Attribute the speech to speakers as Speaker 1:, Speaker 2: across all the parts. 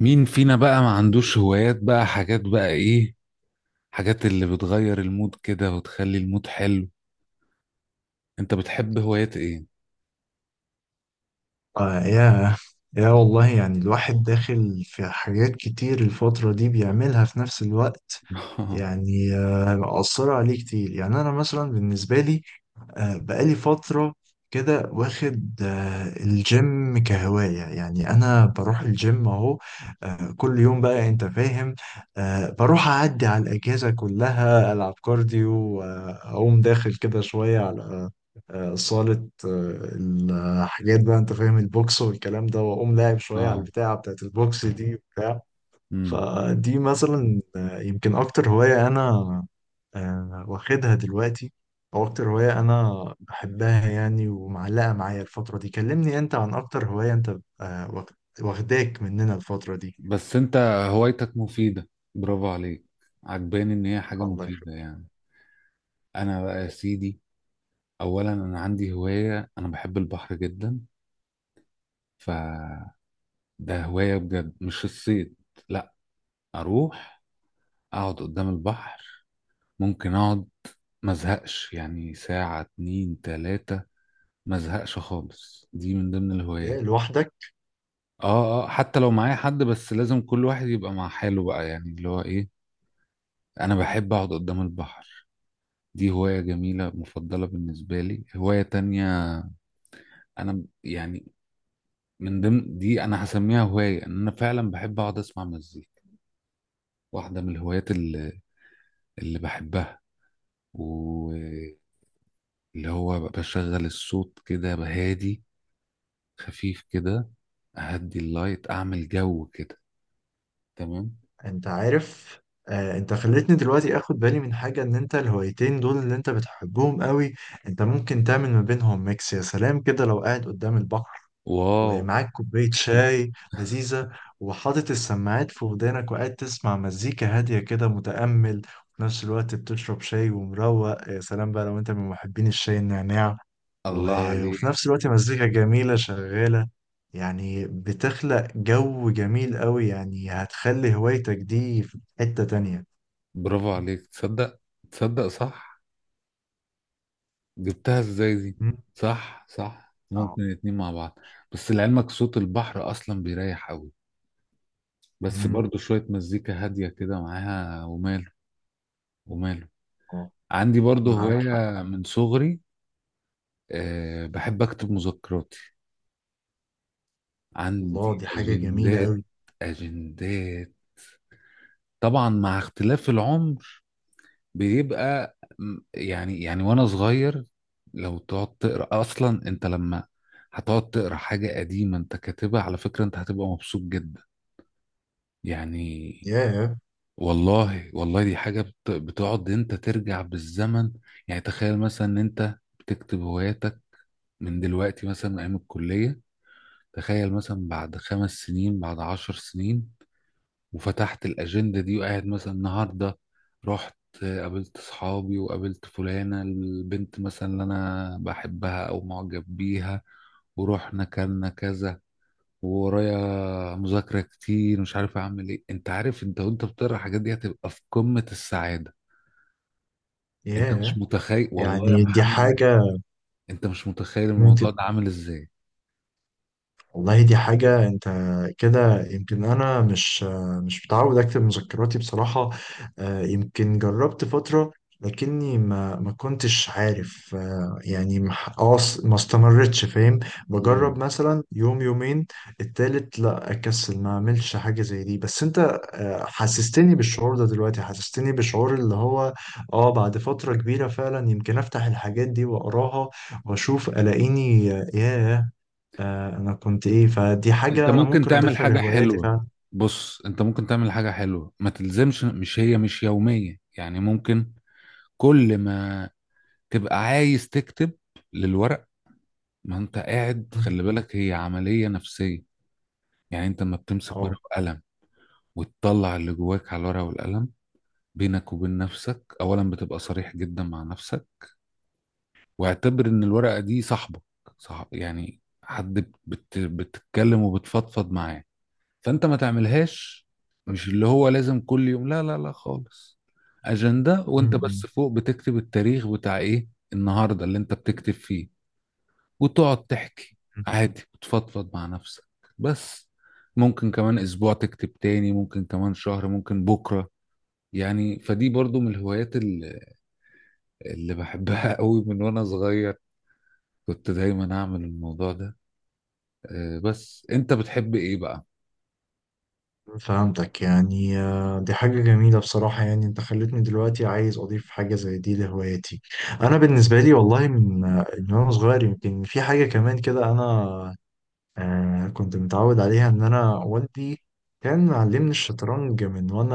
Speaker 1: مين فينا بقى ما عندوش هوايات بقى، حاجات بقى ايه؟ حاجات اللي بتغير المود كده وتخلي المود حلو. انت بتحب هوايات ايه؟
Speaker 2: آه يا يا والله يعني الواحد داخل في حاجات كتير الفترة دي بيعملها في نفس الوقت. يعني مأثرة عليه كتير. يعني أنا مثلا بالنسبة لي، بقالي فترة كده واخد الجيم كهواية. يعني أنا بروح الجيم أهو، كل يوم بقى، أنت فاهم؟ بروح أعدي على الأجهزة كلها، ألعب كارديو وأقوم داخل كده شوية على صالة الحاجات بقى، أنت فاهم، البوكس والكلام ده، وأقوم لاعب شوية على
Speaker 1: اه.
Speaker 2: البتاعة بتاعت البوكس دي وبتاع.
Speaker 1: امم
Speaker 2: فدي مثلا يمكن اكتر هواية انا واخدها دلوقتي، او اكتر هواية انا بحبها يعني ومعلقة معايا الفترة دي. كلمني انت عن اكتر هواية انت آه، واخ- واخداك مننا الفترة دي.
Speaker 1: بس انت هوايتك مفيدة، برافو عليك. عجباني ان هي حاجة
Speaker 2: الله
Speaker 1: مفيدة
Speaker 2: يخليك.
Speaker 1: يعني. انا بقى يا سيدي، اولا انا عندي هواية، انا بحب البحر جدا. ف ده هواية بجد، مش الصيد، لا. اروح اقعد قدام البحر، ممكن اقعد مزهقش يعني ساعة 2 3، ما ازهقش خالص. دي من ضمن
Speaker 2: إيه،
Speaker 1: الهوايات.
Speaker 2: لوحدك؟
Speaker 1: اه اه، حتى لو معايا حد بس لازم كل واحد يبقى مع حاله بقى، يعني اللي هو ايه، انا بحب اقعد قدام البحر. دي هواية جميلة مفضلة بالنسبة لي. هواية تانية انا يعني من ضمن دي انا هسميها هواية، ان انا فعلا بحب اقعد اسمع مزيكا. واحدة من الهوايات اللي بحبها، واللي هو بشغل الصوت كده بهادي، خفيف كده، اهدي اللايت، اعمل جو كده. تمام.
Speaker 2: انت عارف، انت خلتني دلوقتي اخد بالي من حاجة، ان انت الهوايتين دول اللي انت بتحبهم قوي، انت ممكن تعمل ما بينهم ميكس. يا سلام كده لو قاعد قدام البحر
Speaker 1: واو.
Speaker 2: ومعاك كوباية شاي لذيذة، وحاطط السماعات في ودانك وقاعد تسمع مزيكا هادية كده متأمل، وفي نفس الوقت بتشرب شاي ومروق. يا سلام بقى لو انت من محبين الشاي النعناع،
Speaker 1: الله عليك.
Speaker 2: وفي نفس الوقت مزيكا جميلة شغالة. يعني بتخلق جو جميل قوي، يعني هتخلي هوايتك دي في حتة تانية.
Speaker 1: برافو عليك، تصدق، تصدق صح. جبتها ازاي دي؟
Speaker 2: مم.
Speaker 1: صح صح،
Speaker 2: اه.
Speaker 1: ممكن الاتنين مع بعض. بس لعلمك صوت البحر اصلا بيريح قوي، بس
Speaker 2: مم.
Speaker 1: برضو شوية مزيكا هادية كده معاها وماله، وماله.
Speaker 2: اه،
Speaker 1: عندي برضو
Speaker 2: معاك حق.
Speaker 1: هواية من صغري. أه، بحب اكتب مذكراتي،
Speaker 2: الله،
Speaker 1: عندي
Speaker 2: دي حاجة جميلة
Speaker 1: اجندات.
Speaker 2: قوي.
Speaker 1: اجندات طبعا مع اختلاف العمر. بيبقى يعني وانا صغير، لو تقعد تقرا اصلا انت لما هتقعد تقرا حاجه قديمه انت كاتبها على فكره انت هتبقى مبسوط جدا يعني.
Speaker 2: ياه.
Speaker 1: والله والله دي بتقعد انت ترجع بالزمن. يعني تخيل مثلا ان انت بتكتب هواياتك من دلوقتي، مثلا من ايام الكليه، تخيل مثلا بعد 5 سنين، بعد 10 سنين، وفتحت الأجندة دي، وقاعد مثلا النهاردة رحت قابلت صحابي وقابلت فلانة البنت مثلا اللي أنا بحبها أو معجب بيها ورحنا كلنا كذا، وورايا مذاكرة كتير مش عارف أعمل إيه. أنت عارف أنت وأنت بتقرا الحاجات دي هتبقى في قمة السعادة. أنت مش
Speaker 2: ياه،
Speaker 1: متخيل والله يا
Speaker 2: يعني دي
Speaker 1: محمد،
Speaker 2: حاجة.
Speaker 1: أنت مش متخيل الموضوع ده عامل إزاي.
Speaker 2: والله دي حاجة، انت كده يمكن انا مش متعود اكتب مذكراتي بصراحة. يمكن جربت فترة، لكني ما كنتش عارف، يعني ما ح- اه س- ما استمرتش، فاهم؟
Speaker 1: مم.
Speaker 2: بجرب مثلا يوم يومين، التالت لا، اكسل ما اعملش حاجة زي دي. بس انت حسستني بالشعور ده دلوقتي، حسستني بالشعور اللي هو، اه، بعد فترة كبيرة فعلا يمكن افتح الحاجات دي واقراها واشوف الاقيني، ياه، آه انا كنت ايه. فدي
Speaker 1: أنت
Speaker 2: حاجة انا
Speaker 1: ممكن
Speaker 2: ممكن
Speaker 1: تعمل
Speaker 2: اضيفها
Speaker 1: حاجة
Speaker 2: لهواياتي
Speaker 1: حلوة.
Speaker 2: فعلا.
Speaker 1: بص، أنت ممكن تعمل حاجة حلوة، ما تلزمش مش هي مش يومية، يعني ممكن كل ما تبقى عايز تكتب للورق. ما انت قاعد،
Speaker 2: مم.
Speaker 1: خلي بالك هي عملية نفسية. يعني انت لما بتمسك ورقة
Speaker 2: اه.
Speaker 1: وقلم وتطلع اللي جواك على الورقة والقلم، بينك وبين نفسك، اولا بتبقى صريح جدا مع نفسك. واعتبر ان الورقة دي صاحبك، صح، يعني حد بتتكلم وبتفضفض معاه. فانت ما تعملهاش مش اللي هو لازم كل يوم، لا لا لا خالص. أجندة، وانت
Speaker 2: مم. مم.
Speaker 1: بس فوق بتكتب التاريخ بتاع ايه، النهاردة اللي انت بتكتب فيه، وتقعد تحكي عادي وتفضفض مع نفسك. بس ممكن كمان اسبوع تكتب تاني، ممكن كمان شهر، ممكن بكرة يعني. فدي برضو من الهوايات اللي بحبها قوي من وانا صغير. كنت دايما اعمل الموضوع ده. بس انت بتحب ايه بقى؟
Speaker 2: فهمتك. يعني دي حاجة جميلة بصراحة، يعني انت خلتني دلوقتي عايز اضيف حاجة زي دي لهواياتي. انا بالنسبة لي والله، من من وانا صغير، يمكن في حاجة كمان كده انا كنت متعود عليها، ان انا والدي كان معلمني الشطرنج من وانا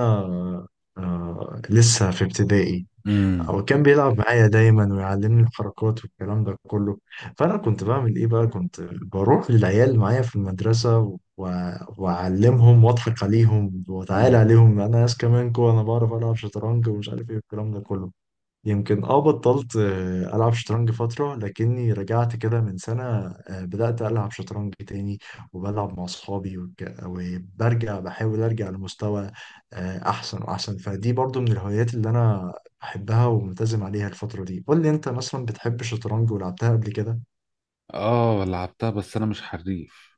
Speaker 2: لسه في ابتدائي.
Speaker 1: امم
Speaker 2: هو كان بيلعب معايا دايما ويعلمني الحركات والكلام ده كله. فانا كنت بعمل ايه بقى، كنت بروح للعيال معايا في المدرسه و... واعلمهم واضحك عليهم واتعالى
Speaker 1: امم
Speaker 2: عليهم انا، ناس كمان كو انا بعرف العب شطرنج ومش عارف ايه والكلام ده كله. يمكن اه بطلت ألعب شطرنج فترة، لكني رجعت كده من سنة بدأت ألعب شطرنج تاني، وبلعب مع أصحابي وبرجع بحاول أرجع لمستوى أحسن وأحسن. فدي برضو من الهوايات اللي أنا بحبها وملتزم عليها الفترة دي. قول لي أنت، مثلا بتحب الشطرنج ولعبتها قبل كده؟
Speaker 1: اه لعبتها بس انا مش حريف،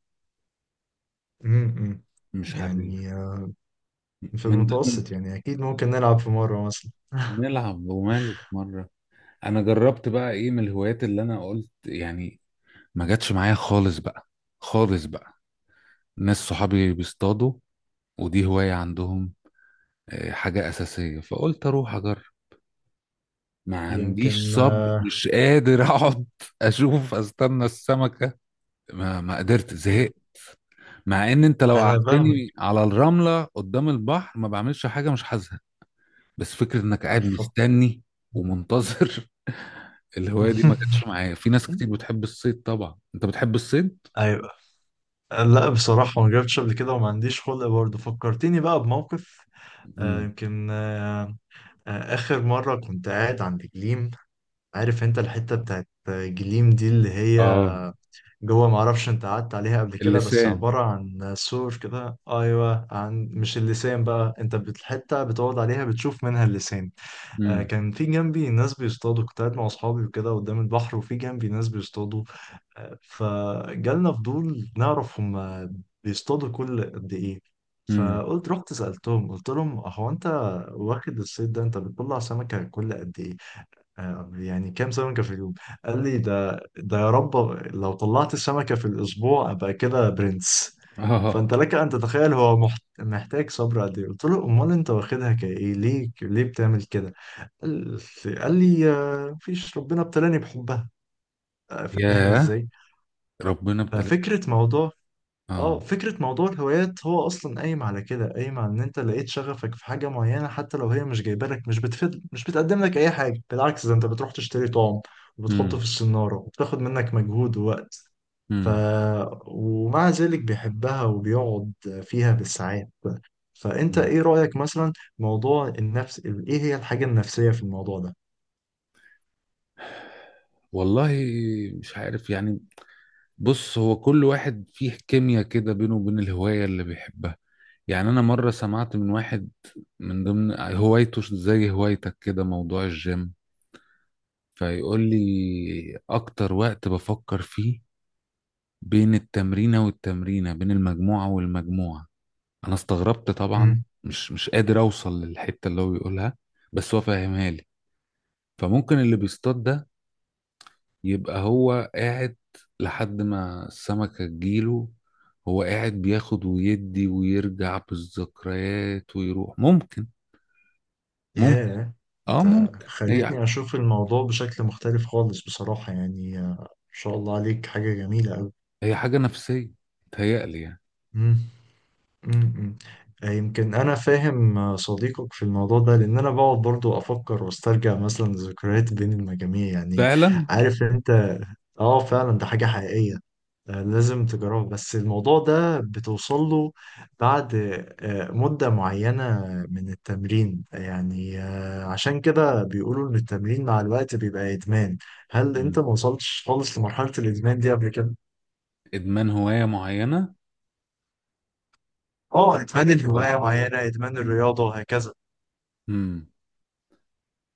Speaker 2: امم،
Speaker 1: مش حريف.
Speaker 2: يعني في
Speaker 1: من ضمن،
Speaker 2: المتوسط يعني، أكيد ممكن نلعب في مرة مثلا.
Speaker 1: نلعب وماله في مرة. انا جربت بقى ايه من الهوايات اللي انا قلت يعني ما جاتش معايا خالص بقى، خالص بقى. ناس صحابي بيصطادوا، ودي هواية عندهم، حاجة أساسية، فقلت أروح أجرب. ما عنديش
Speaker 2: يمكن
Speaker 1: صبر، مش قادر أقعد أشوف أستنى السمكة. ما قدرت، زهقت. مع إن أنت لو
Speaker 2: أنا فاهمك.
Speaker 1: قعدتني على الرملة قدام البحر ما بعملش حاجة، مش حاسها. بس فكرة إنك قاعد
Speaker 2: أف-
Speaker 1: مستني ومنتظر. الهواية دي ما جاتش معايا. في ناس كتير بتحب الصيد، طبعا أنت بتحب الصيد؟
Speaker 2: ايوه. لا بصراحة ما جربتش قبل كده وما عنديش خلق برضه. فكرتني بقى بموقف آه،
Speaker 1: مم.
Speaker 2: يمكن آه، آه، آخر مرة كنت قاعد عند جليم. عارف انت الحتة بتاعت جليم دي اللي هي
Speaker 1: آه.
Speaker 2: جوه، ما اعرفش انت قعدت عليها قبل كده، بس
Speaker 1: اللسان.
Speaker 2: عبارة عن سور كده، ايوه، عن مش اللسان بقى، الحتة بتقعد عليها بتشوف منها اللسان.
Speaker 1: مم.
Speaker 2: كان في جنبي ناس بيصطادوا. كنت قاعد مع اصحابي وكده قدام البحر، وفي جنبي ناس بيصطادوا، فجالنا فضول نعرف هم بيصطادوا كل قد ايه.
Speaker 1: مم.
Speaker 2: فقلت رحت سألتهم، قلت لهم هو انت واخد الصيد ده، انت بتطلع سمكة كل قد ايه، يعني كام سمكة في اليوم. قال لي ده يا رب لو طلعت سمكة في الاسبوع ابقى كده برنس.
Speaker 1: آه.
Speaker 2: فانت لك ان تتخيل هو محتاج صبر قد ايه. قلت له امال انت واخدها كايه، ليه بتعمل كده؟ قال قال لي مفيش، ربنا ابتلاني بحبها. فاهم
Speaker 1: ياه،
Speaker 2: ازاي.
Speaker 1: ربنا ابتلى.
Speaker 2: ففكرة موضوع اه
Speaker 1: اه.
Speaker 2: فكرة موضوع الهوايات هو أصلا قايم على كده، قايم على إن أنت لقيت شغفك في حاجة معينة، حتى لو هي مش جايبة لك، مش بتفيد، مش بتقدم لك أي حاجة، بالعكس ده أنت بتروح تشتري طعم وبتحطه
Speaker 1: امم
Speaker 2: في السنارة وبتاخد منك مجهود ووقت. ف
Speaker 1: امم
Speaker 2: ومع ذلك بيحبها وبيقعد فيها بالساعات. فأنت
Speaker 1: أمم.
Speaker 2: إيه رأيك مثلا، موضوع النفس، إيه هي الحاجة النفسية في الموضوع ده؟
Speaker 1: والله مش عارف يعني. بص، هو كل واحد فيه كيمياء كده بينه وبين الهواية اللي بيحبها. يعني أنا مرة سمعت من واحد من ضمن هوايته زي هوايتك كده موضوع الجيم، فيقول لي أكتر وقت بفكر فيه بين التمرينة والتمرينة، بين المجموعة والمجموعة. أنا استغربت طبعا، مش قادر أوصل للحتة اللي هو بيقولها، بس هو فاهمها لي. فممكن اللي بيصطاد ده يبقى هو قاعد لحد ما السمكة تجيله، هو قاعد بياخد ويدي ويرجع بالذكريات ويروح، ممكن ممكن.
Speaker 2: ياه،
Speaker 1: اه
Speaker 2: انت
Speaker 1: ممكن هي،
Speaker 2: خلتني اشوف الموضوع بشكل مختلف خالص بصراحة، يعني ما شاء الله عليك، حاجة جميلة قوي.
Speaker 1: هي حاجة نفسية، تهيألي يعني.
Speaker 2: مم. مم. مم. يمكن انا فاهم صديقك في الموضوع ده، لان انا بقعد برضو افكر واسترجع مثلا ذكريات بين المجاميع يعني.
Speaker 1: فعلا.
Speaker 2: عارف انت، اه فعلا ده حاجة حقيقية. لازم تجربه، بس الموضوع ده بتوصل له بعد مدة معينة من التمرين. يعني عشان كده بيقولوا إن التمرين مع الوقت بيبقى إدمان. هل أنت
Speaker 1: مم.
Speaker 2: ما وصلتش خالص لمرحلة الإدمان دي قبل كده؟
Speaker 1: إدمان هواية معينة؟
Speaker 2: آه إدمان
Speaker 1: ولا.
Speaker 2: الهواية معينة، إدمان الرياضة وهكذا.
Speaker 1: مم.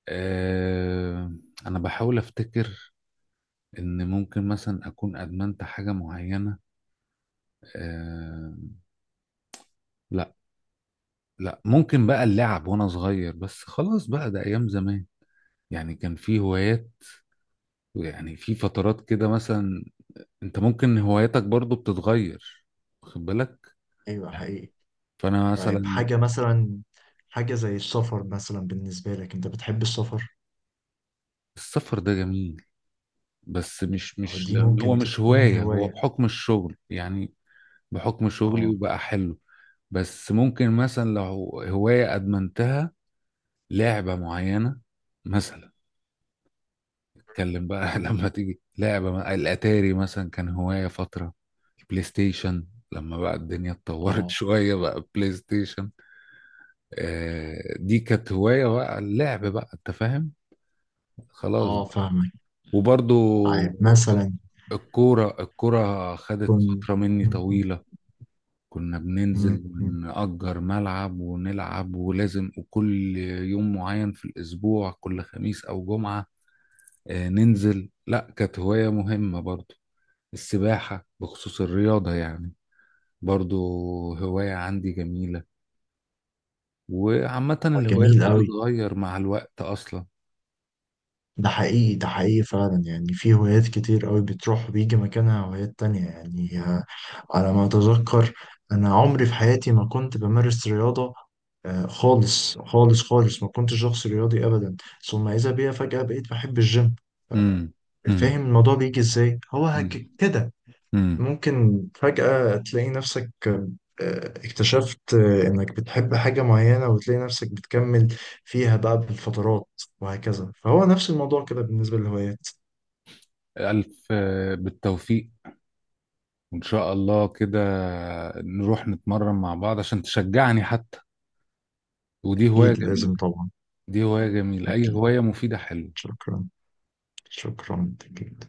Speaker 1: آه. أنا بحاول أفتكر إن ممكن مثلا أكون أدمنت حاجة معينة. آه، لا. لا، ممكن بقى اللعب وأنا صغير بس، خلاص بقى، ده أيام زمان. يعني كان في هوايات، يعني في فترات كده مثلا. انت ممكن هواياتك برضو بتتغير، واخد بالك؟
Speaker 2: أيوه
Speaker 1: يعني،
Speaker 2: حقيقي.
Speaker 1: فانا
Speaker 2: طيب
Speaker 1: مثلا،
Speaker 2: حاجة مثلا، حاجة زي السفر مثلا بالنسبة لك، أنت بتحب السفر؟
Speaker 1: السفر ده جميل بس مش،
Speaker 2: أو
Speaker 1: مش
Speaker 2: دي
Speaker 1: لأن هو
Speaker 2: ممكن
Speaker 1: مش
Speaker 2: تكون
Speaker 1: هواية، هو
Speaker 2: هواية.
Speaker 1: بحكم الشغل يعني، بحكم شغلي،
Speaker 2: آه.
Speaker 1: وبقى حلو. بس ممكن مثلا لو هواية ادمنتها، لعبة معينة مثلا، اتكلم بقى. لما تيجي لعبة الاتاري مثلا كان هواية فترة، البلاي ستيشن لما بقى الدنيا اتطورت
Speaker 2: آه.
Speaker 1: شوية بقى، بلاي ستيشن. دي كانت هواية بقى، اللعب بقى انت فاهم، خلاص
Speaker 2: آه
Speaker 1: بقى.
Speaker 2: فاهمك.
Speaker 1: وبرضو
Speaker 2: طيب مثلا.
Speaker 1: الكورة، الكورة خدت
Speaker 2: كن
Speaker 1: فترة مني
Speaker 2: م-
Speaker 1: طويلة، كنا
Speaker 2: م-
Speaker 1: بننزل
Speaker 2: م-
Speaker 1: ونأجر ملعب ونلعب، ولازم وكل يوم معين في الأسبوع، كل خميس أو جمعة ننزل. لا، كانت هواية مهمة برضو. السباحة بخصوص الرياضة يعني، برضو هواية عندي جميلة. وعامة الهوايات
Speaker 2: جميل قوي.
Speaker 1: بتتغير مع الوقت أصلا.
Speaker 2: ده حقيقي، ده حقيقي فعلا. يعني في هوايات كتير قوي بتروح وبيجي مكانها هوايات تانية. يعني على ما أتذكر، أنا عمري في حياتي ما كنت بمارس رياضة خالص خالص خالص، ما كنتش شخص رياضي أبدا. ثم إذا بيا فجأة بقيت بحب الجيم. فاهم
Speaker 1: امم
Speaker 2: الموضوع بيجي إزاي، هو
Speaker 1: مم.
Speaker 2: كده
Speaker 1: امم
Speaker 2: ممكن فجأة تلاقي نفسك اكتشفت إنك بتحب حاجة معينة، وتلاقي نفسك بتكمل فيها بقى بالفترات وهكذا. فهو نفس الموضوع كده بالنسبة للهوايات.
Speaker 1: ألف بالتوفيق، وإن شاء الله كده نروح نتمرن مع بعض عشان تشجعني حتى. ودي هواية
Speaker 2: أكيد لازم
Speaker 1: جميلة.
Speaker 2: طبعا.
Speaker 1: دي هواية جميلة، أي
Speaker 2: أكيد.
Speaker 1: هواية مفيدة حلوة.
Speaker 2: شكرا. شكرا أكيد.